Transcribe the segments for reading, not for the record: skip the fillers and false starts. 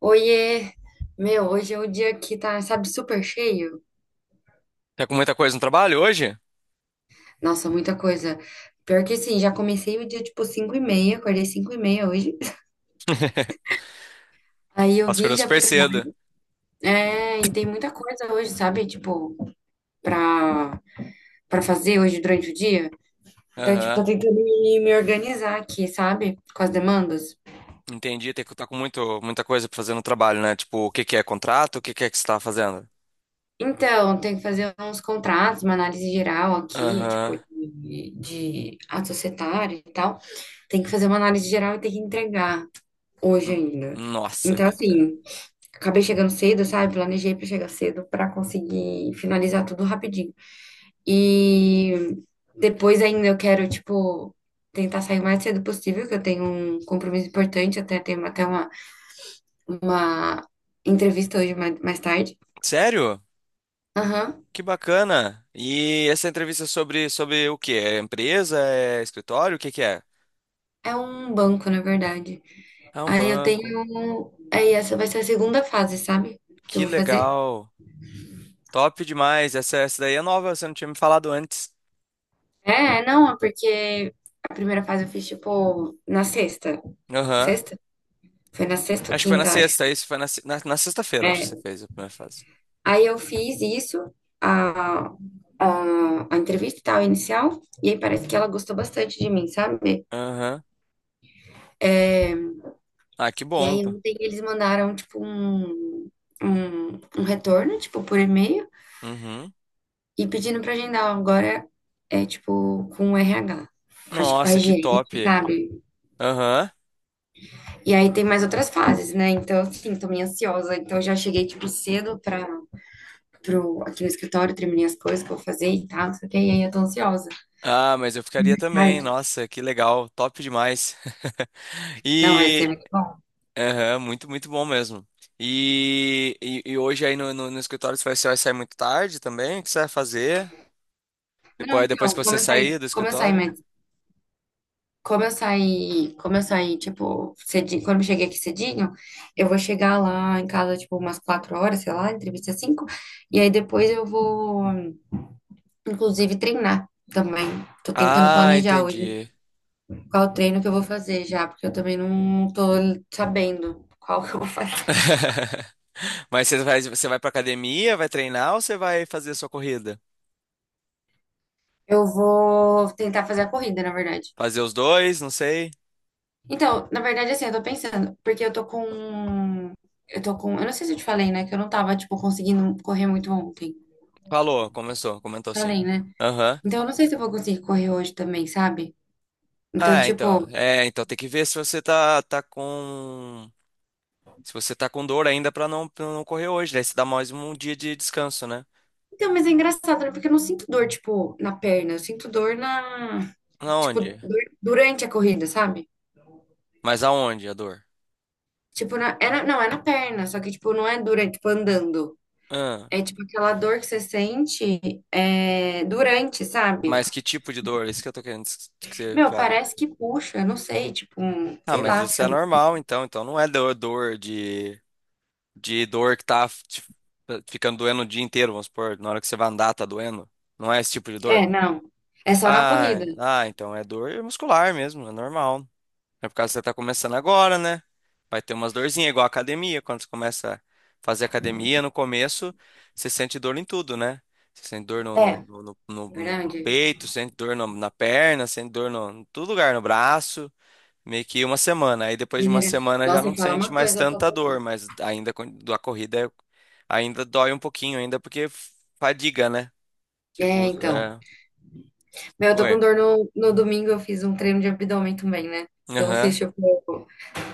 Oiê! Meu, hoje é o dia que tá, sabe, super cheio. Tá com muita coisa no trabalho hoje? Nossa, muita coisa. Pior que sim, já comecei o dia tipo 5h30, acordei 5h30 hoje. Aí eu Nossa, vim acordou já pro super cedo. trabalho. É, e tem muita coisa hoje, sabe? Tipo, pra, pra fazer hoje durante o dia. Então, tipo, tô Aham. tentando me organizar aqui, sabe? Com as demandas. Entendi. Tem que estar com muita coisa pra fazer no trabalho, né? Tipo, o que que é contrato? O que que é que você tá fazendo? Então, tem que fazer uns contratos, uma análise geral aqui, tipo, Aham. de ato societário e tal. Tem que fazer uma análise geral e tem que entregar hoje N- ainda. Nossa Então, vida. assim, acabei chegando cedo, sabe? Planejei para chegar cedo para conseguir finalizar tudo rapidinho. E depois ainda eu quero, tipo, tentar sair o mais cedo possível, que eu tenho um compromisso importante, até tenho até uma entrevista hoje mais tarde. Sério? Aham. Que bacana. E essa entrevista é sobre o quê? É empresa? É escritório? O que que é? É um banco, na verdade. É um Aí eu banco. tenho. Aí essa vai ser a segunda fase, sabe? Que eu Que vou fazer. legal. Top demais. Essa daí é nova, você não tinha me falado antes. É, não, é porque a primeira fase eu fiz, tipo, na sexta. Aham. Sexta? Foi na sexta ou Acho que foi na quinta, acho. sexta, isso foi na, se- na, na sexta-feira, acho que você É. fez a primeira fase. Aí eu fiz isso, a, a entrevista e tal, inicial, e aí parece que ela gostou bastante de mim, sabe? Aham. É, Ah, que e bom, aí pô. ontem eles mandaram, tipo, um retorno, tipo, por e-mail, Uhum. e pedindo pra agendar agora, é, tipo, com o RH. Acho que com a Nossa, que top. gerente, sabe? Aham. E aí tem mais outras fases, né? Então, assim, tô meio ansiosa. Então, eu já cheguei, tipo, cedo pra aqui no escritório, terminei as coisas que eu vou fazer e tal, não sei o quê, e aí eu tô ansiosa. Ah, mas eu E ficaria mais também. tarde. Nossa, que legal. Top demais. Não, vai ser E. muito bom. Aham, muito, muito bom mesmo. E hoje aí no escritório você vai sair muito tarde também? O que você vai fazer? Não, Depois que então, você sair do escritório? mas como eu saí, tipo, cedinho, quando eu cheguei aqui cedinho, eu vou chegar lá em casa, tipo, umas 4 horas, sei lá, entrevista cinco, e aí depois eu vou, inclusive, treinar também. Tô tentando Ah, planejar hoje entendi. qual treino que eu vou fazer já, porque eu também não tô sabendo qual que eu vou fazer. Mas você vai pra academia, vai treinar ou você vai fazer a sua corrida? Eu vou tentar fazer a corrida, na verdade. Fazer os dois, não sei. Então, na verdade, assim, eu tô pensando, porque eu tô com. Eu tô com. Eu não sei se eu te falei, né? Que eu não tava, tipo, conseguindo correr muito ontem. Falou, começou, comentou assim. Falei, né? Então, eu não sei se eu vou conseguir correr hoje também, sabe? Então, Ah, então. tipo. É, então tem que ver se você tá com. Se você tá com dor ainda pra não correr hoje. Daí você dá mais um dia de descanso, né? Então, mas é engraçado, né? Porque eu não sinto dor, tipo, na perna. Eu sinto dor na. Tipo, Aonde? dor durante a corrida, sabe? Mas aonde a dor? Tipo, não, é na perna, só que, tipo, não é durante, tipo, andando. Ah, É, tipo, aquela dor que você sente é, durante, sabe? mas que tipo de dor? É isso que eu tô querendo que você Meu, fale. parece que puxa, não sei, tipo, Ah, sei mas lá, isso é fica. normal, então. Então não é dor de dor que tá ficando doendo o dia inteiro, vamos supor. Na hora que você vai andar, tá doendo. Não é esse tipo de dor? É, não. É só na Ah, corrida. ah, então é dor muscular mesmo, é normal. É por causa que você tá começando agora, né? Vai ter umas dorzinhas, igual a academia. Quando você começa a fazer academia, no começo, você sente dor em tudo, né? Você sente dor no, É, no, no, no- no- no verdade. peito, sente dor na perna, sente dor em todo lugar, no braço. Meio que uma semana. Aí depois de uma semana já Nossa, e não fala sente uma mais coisa, eu tô tanta dor, com. mas ainda da corrida ainda dói um pouquinho, ainda porque fadiga, né? É, Tipo, então. é... Meu, eu tô com Oi. dor no. No domingo, eu fiz um treino de abdômen também, né? Então eu fiz, Aham. tipo,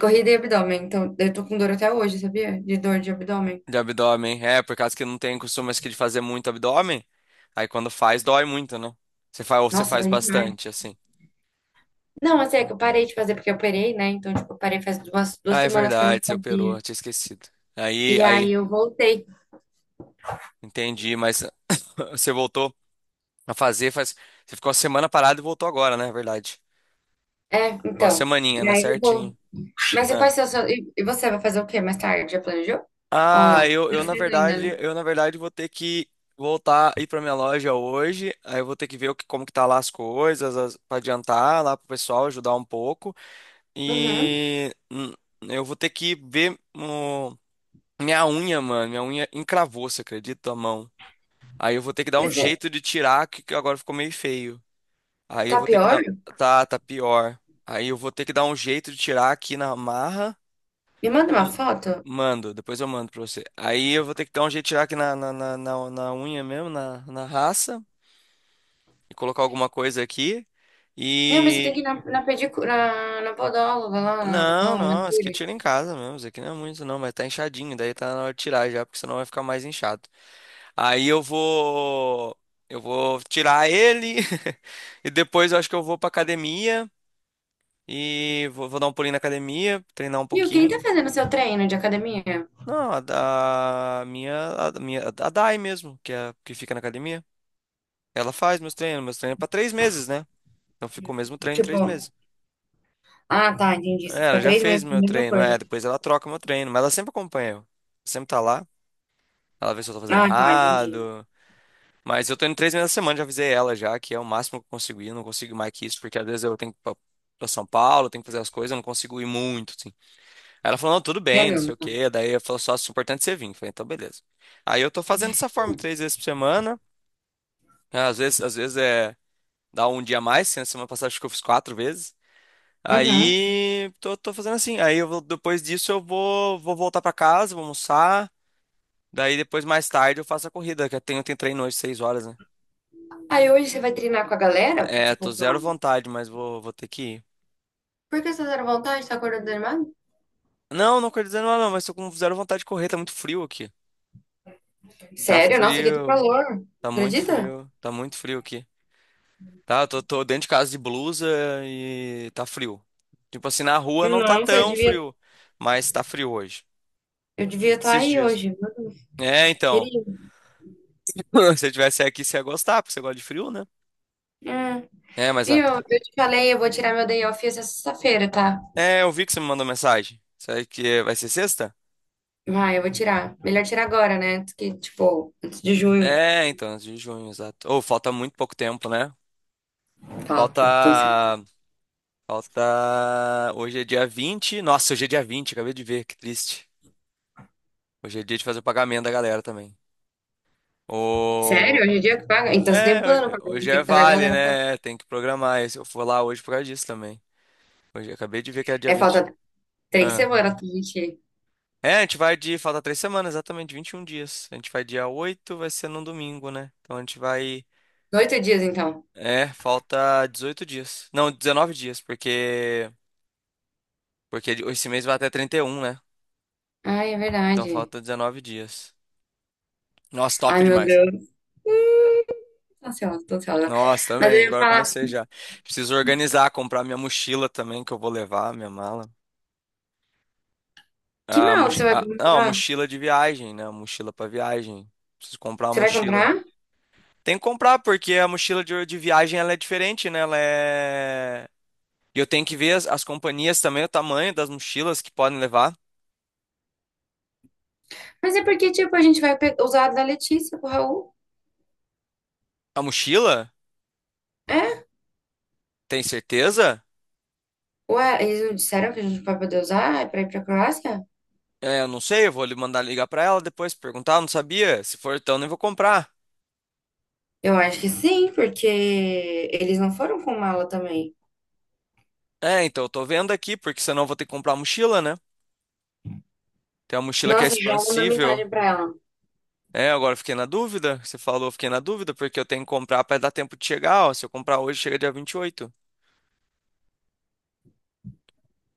corrida e abdômen. Então eu tô com dor até hoje, sabia? De dor de abdômen. De abdômen. É, por causa que não tem costume acho que, de fazer muito abdômen. Aí quando faz, dói muito, né? Ou você Nossa, faz dói demais. bastante, assim. Não, assim, é que eu parei de fazer porque eu operei, né? Então, tipo, eu parei faz duas Ah, é semanas que eu não verdade, você operou, fazia. eu tinha esquecido. Aí, E aí, aí eu voltei. entendi, mas você voltou a fazer, faz. Você ficou uma semana parada e voltou agora, né? É verdade. É, Ficou uma então. semaninha, E né? aí eu vou. Certinho. Mas e É. quais são os seus. E você vai fazer o quê mais tarde? Já planejou? Ou Ah, não? eu, Não eu na fez ainda, verdade, né? eu na verdade vou ter que voltar ir pra minha loja hoje. Aí eu vou ter que ver o que, como que tá lá as coisas, pra adiantar lá pro pessoal, ajudar um pouco. Uhum. E eu vou ter que ver minha unha, mano. Minha unha encravou, você acredita, a mão? Aí eu vou ter que dar um Pois é. jeito de tirar, que agora ficou meio feio. Aí eu Tá vou ter que pior? dar. Tá, tá pior. Aí eu vou ter que dar um jeito de tirar aqui na marra. Me manda uma E foto. mando, depois eu mando pra você. Aí eu vou ter que dar um jeito de tirar aqui na unha mesmo, na raça. E colocar alguma coisa aqui. Meu, mas você tem que ir na pedicura, na podóloga lá, na Não, mão, não, esse aqui eu manicure. tiro em casa mesmo. Esse aqui não é muito, não, mas tá inchadinho. Daí tá na hora de tirar já, porque senão vai ficar mais inchado. Aí eu vou. Eu vou tirar ele. E depois eu acho que eu vou pra academia. E vou dar um pulinho na academia, treinar um Viu, quem pouquinho. tá fazendo seu treino de academia? Não, a minha. Da minha, a Dai mesmo, que fica na academia. Ela faz meus treinos. Meus treinos é pra 3 meses, né? Então ficou o mesmo treino três Tipo, meses. ah, tá, entendi. Você É, ela fica já três fez meses com a meu mesma treino, é. coisa. Depois ela troca meu treino, mas ela sempre acompanha eu. Sempre tá lá. Ela vê se eu tô fazendo Ah, tá, entendi. errado. Mas eu tô indo 3 meses na semana, já avisei ela já, que é o máximo que eu consigo ir. Eu não consigo ir mais que isso, porque às vezes eu tenho que ir pra São Paulo, tenho que fazer as coisas, eu não consigo ir muito, assim. Aí ela falou, não, tudo É, bem, não não. sei o Tá. quê. Daí eu falou, só, é importante você vir. Eu falei, então beleza. Aí eu tô fazendo dessa forma, 3 vezes por semana. Às vezes é, dá um dia a mais, assim, na semana passada acho que eu fiz 4 vezes. Uhum. Aí tô fazendo assim. Aí eu depois disso eu vou voltar pra casa, vou almoçar. Daí depois mais tarde eu faço a corrida, que eu tenho treino hoje 6 horas, né? Aí hoje você vai treinar com a galera? É, tô Tipo, com a. zero vontade, mas vou ter que ir. Por que você tá à vontade? Tá acordando desanimado? Não, não quero dizer não, não, mas tô com zero vontade de correr, tá muito frio aqui. Tá Sério? Nossa, aqui tá frio, calor. tá muito Acredita? frio, tá muito frio aqui. Tá, eu tô dentro de casa de blusa e tá frio. Tipo assim, na rua não tá Nossa, eu tão devia, frio, mas tá frio hoje. eu devia estar Esses aí dias. hoje, viu, É, então. querido? Se eu tivesse aqui, você ia gostar, porque você gosta de frio, né? É. É, mas E eu te falei, eu vou tirar meu day off essa sexta-feira, tá? é, eu vi que você me mandou mensagem. Será que é, vai ser sexta? Vai, eu vou tirar. Melhor tirar agora, né, do que, tipo, antes de junho. É, então, antes de junho, exato. Ou falta muito pouco tempo, né? Falta. Então, se. Falta. Falta. Hoje é dia 20. Nossa, hoje é dia 20, acabei de ver, que triste. Hoje é dia de fazer o pagamento da galera também. Sério? O... Hoje em dia que paga? Então, você tem um plano É, pra mim, hoje tem é que fazer a vale, galera pagar. né? Tem que programar. Eu for lá hoje por causa disso também. Hoje acabei de ver que é dia É, 20. falta três Ah. semanas pra gente ir. É, a gente vai de. Falta 3 semanas, exatamente, 21 dias. A gente vai dia 8, vai ser num domingo, né? Então a gente vai. 8 dias, então. É, falta 18 dias. Não, 19 dias, porque. Porque esse mês vai até 31, né? Ai, é Então verdade. falta 19 dias. Nossa, top Ai, meu demais. Deus. Tô ansiosa, tô ansiosa. Nossa, Mas eu também, ia agora eu falar, comecei já. Preciso organizar, comprar minha mochila também, que eu vou levar, minha mala. que Ah, mal moch... que você vai ah, não, comprar? mochila de viagem, né? Mochila pra viagem. Preciso comprar uma Você vai mochila. comprar? Tem que comprar, porque a mochila de viagem ela é diferente, né? Ela é. E eu tenho que ver as companhias também, o tamanho das mochilas que podem levar. Mas é porque, tipo, a gente vai usar a da Letícia pro Raul. A mochila? É? Tem certeza? Ué, eles não disseram que a gente vai poder usar pra ir pra Croácia? É, eu não sei, eu vou lhe mandar ligar pra ela depois, perguntar, eu não sabia. Se for então, nem vou comprar. Eu acho que sim, porque eles não foram com mala também. É, então eu tô vendo aqui, porque senão eu vou ter que comprar a mochila, né? Tem uma mochila que é Nossa, já manda expansível. mensagem pra ela. É, agora eu fiquei na dúvida. Você falou, eu fiquei na dúvida, porque eu tenho que comprar para dar tempo de chegar. Ó, se eu comprar hoje, chega dia 28.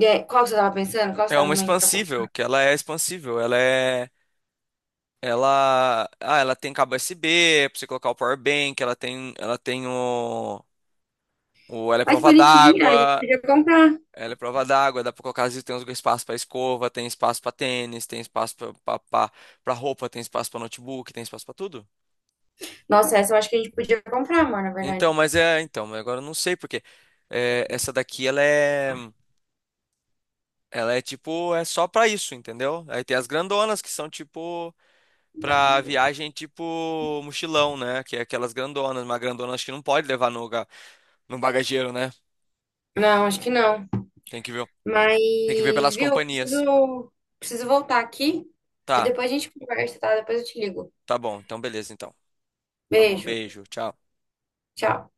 E aí, qual que você tava pensando? Qual que você É tava uma em mente pra expansível, comprar? que ela é expansível. Ela é. Ela. Ah, ela tem cabo USB, pra você colocar o power bank, ela tem. Ela tem o. Ela é Ai, que prova bonitinha, a gente d'água. podia comprar. Ela é prova d'água, dá pra colocar, às vezes tem espaço pra escova, tem espaço pra tênis, tem espaço pra roupa, tem espaço pra notebook, tem espaço pra tudo. Nossa, essa eu acho que a gente podia comprar, amor, na verdade. Então, mas é, então, mas agora eu não sei porque essa daqui ela é, tipo, é só pra isso, entendeu? Aí tem as grandonas que são tipo pra viagem tipo mochilão, né? Que é aquelas grandonas, mas grandona acho que não pode levar no bagageiro, né? Não, acho que não. Tem que ver, Mas, tem que ver pelas viu, eu companhias. preciso, preciso voltar aqui. Aí Tá, depois a gente conversa, tá? Depois eu te ligo. tá bom, então beleza, então. Tá bom, Beijo, beijo, tchau. tchau.